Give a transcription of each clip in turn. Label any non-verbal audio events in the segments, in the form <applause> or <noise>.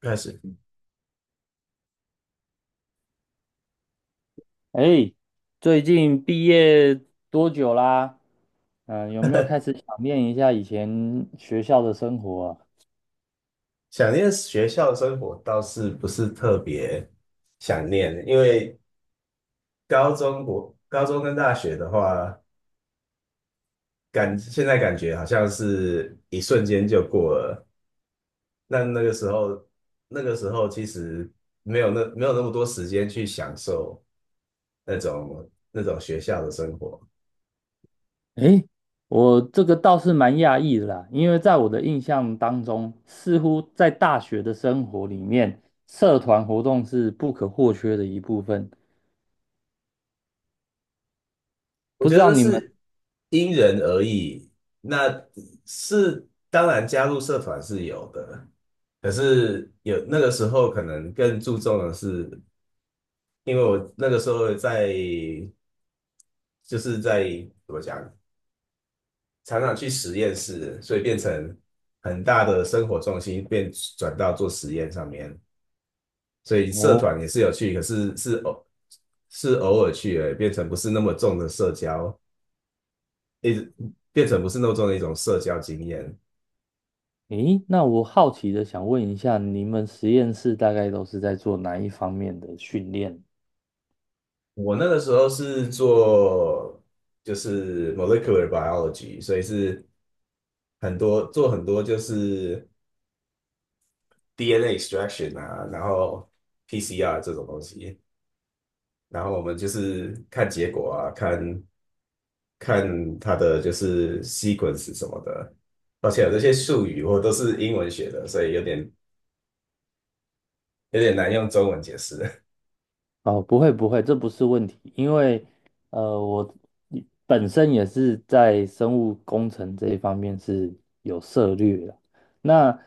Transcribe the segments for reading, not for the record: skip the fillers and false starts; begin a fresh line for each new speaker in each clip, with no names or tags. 开始。
哎，最近毕业多久啦？有没有开始想念一下以前学校的生活啊？
想念学校生活倒是不是特别想念，因为国高中跟大学的话，现在感觉好像是一瞬间就过了。那个时候，那个时候其实没有那么多时间去享受那种学校的生活。
哎，我这个倒是蛮讶异的啦，因为在我的印象当中，似乎在大学的生活里面，社团活动是不可或缺的一部分。
我
不
觉
知道
得
你们。
是因人而异。那是，当然加入社团是有的，可是有那个时候可能更注重的是，因为我那个时候就是在怎么讲，常常去实验室，所以变成很大的生活重心转到做实验上面，所以社
哦，
团也是有趣，可是是偶尔去而已，变成不是那么重的社交，一直变成不是那么重的一种社交经验。
诶，那我好奇的想问一下，你们实验室大概都是在做哪一方面的训练？
我那个时候是做就是 molecular biology，所以是做很多就是 DNA extraction 啊，然后 PCR 这种东西，然后我们就是看结果啊，看看它的就是 sequence 什么的，而且有这些术语我都是英文学的，所以有点难用中文解释。
哦，不会不会，这不是问题，因为我本身也是在生物工程这一方面是有涉略的。那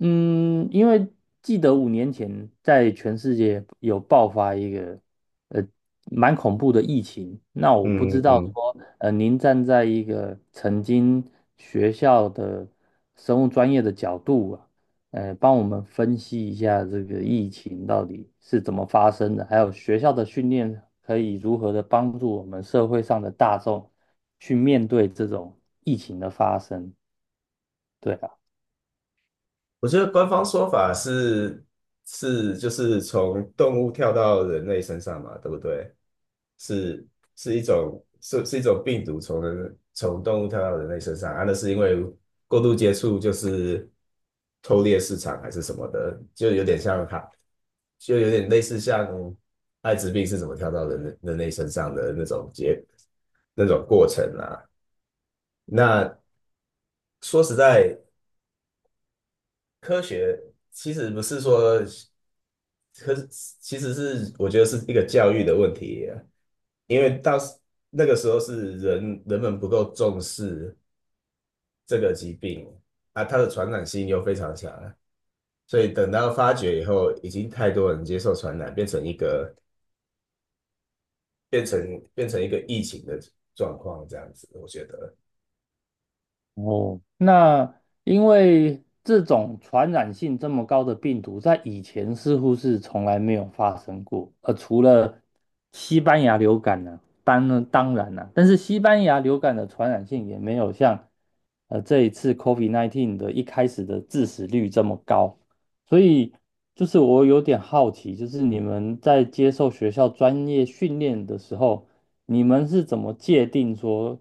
因为记得5年前在全世界有爆发一个呃蛮恐怖的疫情，那
<laughs>
我不知
嗯
道
嗯
说您站在一个曾经学校的生物专业的角度啊，帮我们分析一下这个疫情到底是怎么发生的，还有学校的训练可以如何的帮助我们社会上的大众去面对这种疫情的发生。对吧？啊，
我觉得官方说法是是就是从动物跳到人类身上嘛，对不对？是是一种是是一种病毒从动物跳到人类身上啊，那是因为过度接触就是偷猎市场还是什么的，就有点像它，就有点类似像艾滋病是怎么跳到人类身上的那种过程啊。那说实在，科学其实不是说。可是其实是我觉得是一个教育的问题啊。因为那个时候是人们不够重视这个疾病啊，它的传染性又非常强，所以等到发觉以后，已经太多人接受传染，变成一个疫情的状况这样子，我觉得。
哦，那因为这种传染性这么高的病毒，在以前似乎是从来没有发生过，除了西班牙流感呢、当然啦、但是西班牙流感的传染性也没有像这一次 COVID-19 的一开始的致死率这么高，所以就是我有点好奇，就是你们在接受学校专业训练的时候。你们是怎么界定说，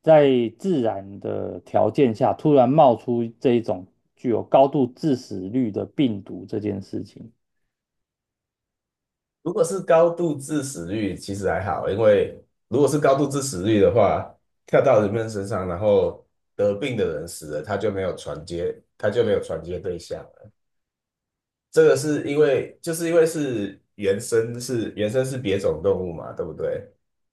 在自然的条件下突然冒出这一种具有高度致死率的病毒这件事情？
如果是高度致死率，其实还好，因为如果是高度致死率的话，跳到人们身上，然后得病的人死了，他就没有传接，他就没有传接对象了。这个是因为，就是因为是原生是别种动物嘛，对不对？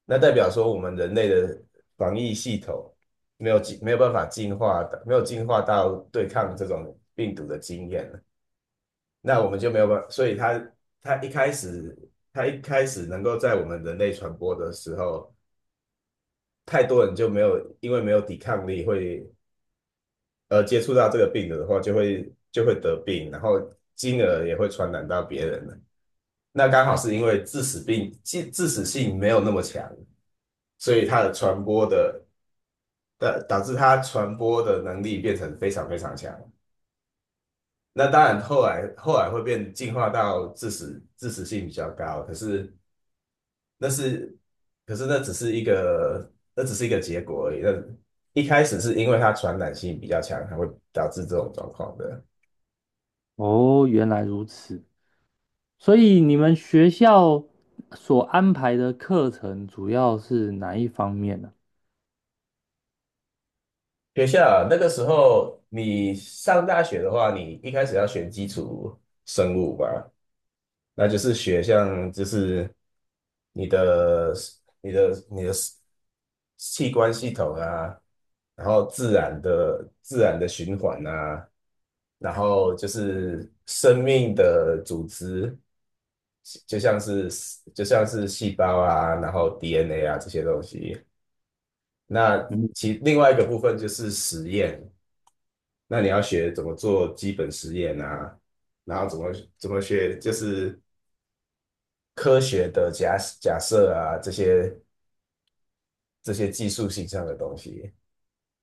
那代表说我们人类的防疫系统没有办法进化的，没有进化到对抗这种病毒的经验。那我们就没有办法，所以它一开始它一开始能够在我们人类传播的时候，太多人就没有因为没有抵抗力会接触到这个病毒的话，就会得病，然后进而也会传染到别人了。那刚好是因为致死性没有那么强，所以它的传播的导致它传播的能力变成非常非常强。那当然后来会进化到致死性比较高，可是。那是，可是那只是一个结果而已。那一开始是因为它传染性比较强，才会导致这种状况的。
哦，原来如此。所以你们学校所安排的课程主要是哪一方面呢？
学校啊那个时候，你上大学的话，你一开始要选基础生物吧，那就是学像就是你的你的器官系统啊，然后自然的循环啊，然后就是生命的组织。就像是就像是细胞啊，然后 DNA 啊这些东西。那
嗯
另外一个部分就是实验，那你要学怎么做基本实验啊，然后怎么学就是科学的假设啊，这些技术性上的东西。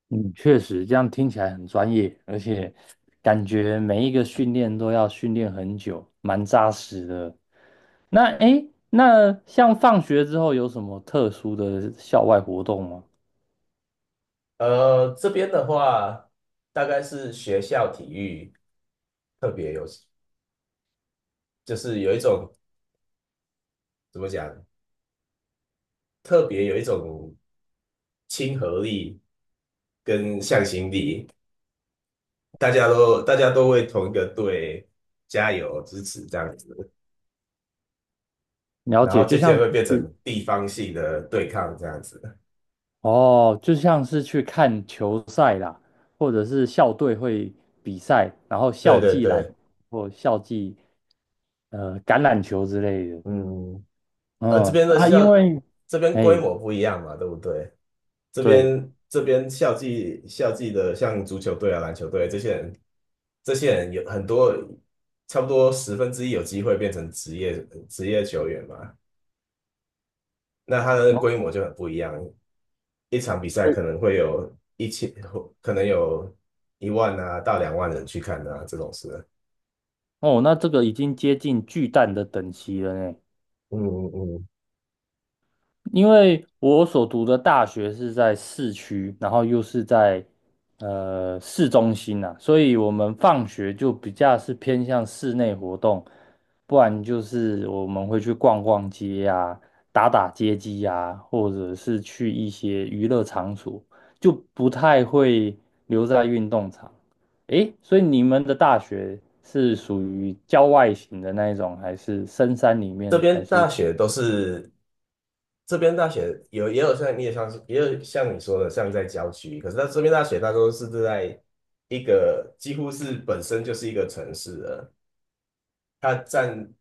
嗯，确实，这样听起来很专业，而且感觉每一个训练都要训练很久，蛮扎实的。那诶，那像放学之后有什么特殊的校外活动吗？
这边的话大概是学校体育特别有，就是有一种怎么讲，特别有一种亲和力跟向心力。大家都为同一个队加油支持这样子，
了
然
解，
后
就
渐
像
渐会
是
变成
去。
地方性的对抗这样子。
哦，就像是去看球赛啦，或者是校队会比赛，然后
对
校
对
际篮
对，
或校际呃橄榄球之类的。
嗯，呃，这
嗯
边的
啊，
校
因为
这边规
哎，
模不一样嘛，对不对？这
对。
边这边校际的像足球队啊、篮球队这些人，这些人有很多，差不多十分之一有机会变成职业球员嘛。那它的
然
规
后
模就很不一样。一场比赛可能会有1000，可能有1万啊到2万人去看啊，这种事。
哦，那这个已经接近巨蛋的等级了呢。
嗯嗯嗯，
因为我所读的大学是在市区，然后又是在市中心呐、所以我们放学就比较是偏向室内活动，不然就是我们会去逛逛街呀、打打街机呀、或者是去一些娱乐场所，就不太会留在运动场。诶，所以你们的大学是属于郊外型的那一种，还是深山里
这
面，还
边
是。
大学都是，这边大学也有像你也像是也有像你说的像在郊区，可是它这边大学它都是在一个几乎是本身就是一个城市了，它占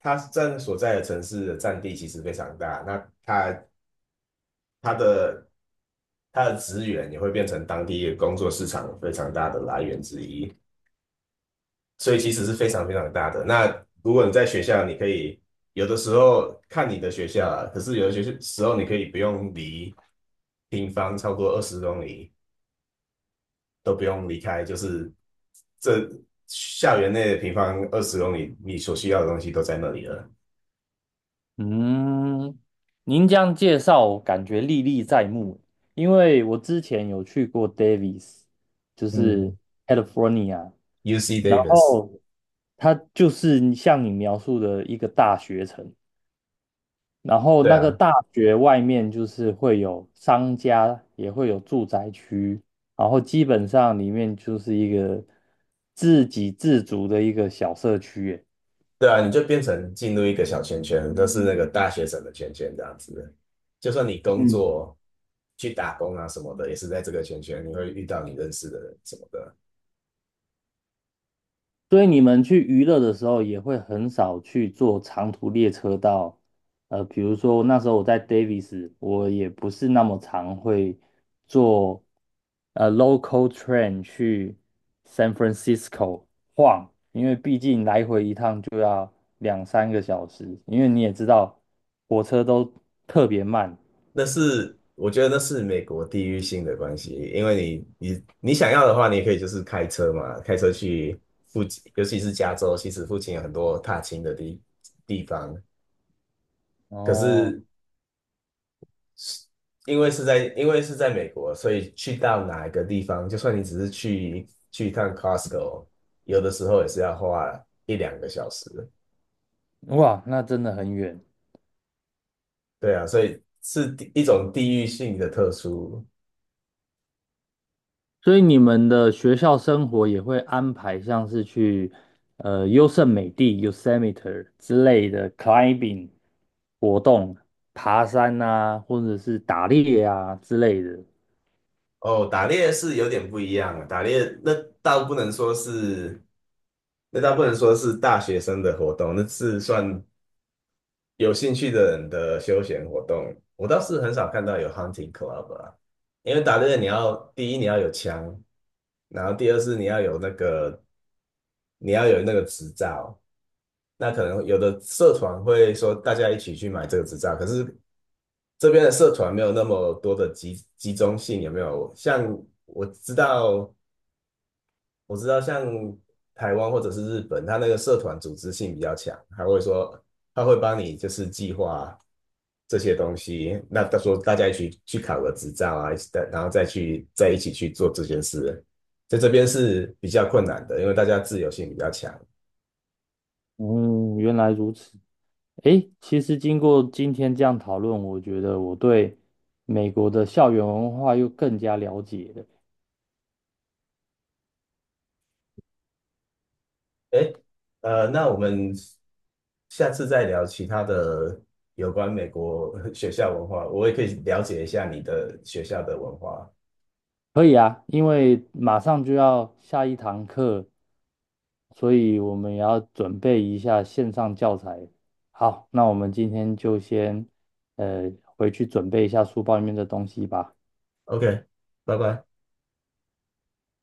它占所在的城市的占地其实非常大，那它它的它的资源也会变成当地工作市场非常大的来源之一，所以其实是非常非常大的。那如果你在学校，你可以有的时候看你的学校啊，可是有的学校时候你可以不用离平方超过二十公里都不用离开，就是这校园内的平方二十公里，你所需要的东西都在那里了。
嗯？您这样介绍，感觉历历在目。因为我之前有去过 Davis，就是
嗯
California，
，UC
然
Davis。
后它就是像你描述的一个大学城，然后
对
那个
啊，
大学外面就是会有商家，也会有住宅区，然后基本上里面就是一个自给自足的一个小社区耶。
对啊，你就变成进入一个小圈圈，都是那个大学生的圈圈这样子。就算你工
嗯。
作去打工啊什么的，也是在这个圈圈，你会遇到你认识的人什么的。
所以你们去娱乐的时候，也会很少去坐长途列车到，比如说那时候我在 Davis，我也不是那么常会坐local train 去 San Francisco 晃，因为毕竟来回一趟就要2、3个小时，因为你也知道火车都特别慢。
那是我觉得那是美国地域性的关系，因为你想要的话，你也可以就是开车嘛，开车去附近，尤其是加州，其实附近有很多踏青的地方。可
哦，
是是，因为是在美国，所以去到哪一个地方，就算你只是去一趟 Costco，有的时候也是要花一两个小时。
哇，那真的很远。
对啊，所以是一种地域性的特殊。
所以你们的学校生活也会安排像是去优胜美地 （Yosemite） 之类的 climbing 活动，爬山啊，或者是打猎啊之类的。
哦，打猎是有点不一样啊，打猎倒不能说是，那倒不能说是大学生的活动，那是算有兴趣的人的休闲活动，我倒是很少看到有 hunting club 啊，因为打猎你要第一你要有枪，然后第二是你要有那个执照，那可能有的社团会说大家一起去买这个执照，可是这边的社团没有那么多的集中性，有没有？像我知道我知道像台湾或者是日本，它那个社团组织性比较强，还会说他会帮你就是计划这些东西。那他说大家一起去考个执照啊，然后再一起去做这件事，在这边是比较困难的，因为大家自由性比较强。
嗯，原来如此。诶，其实经过今天这样讨论，我觉得我对美国的校园文化又更加了解了。
诶，那我们下次再聊其他的有关美国学校文化，我也可以了解一下你的学校的文化。
可以啊，因为马上就要下一堂课，所以我们也要准备一下线上教材。好，那我们今天就先回去准备一下书包里面的东西吧。
OK，拜拜。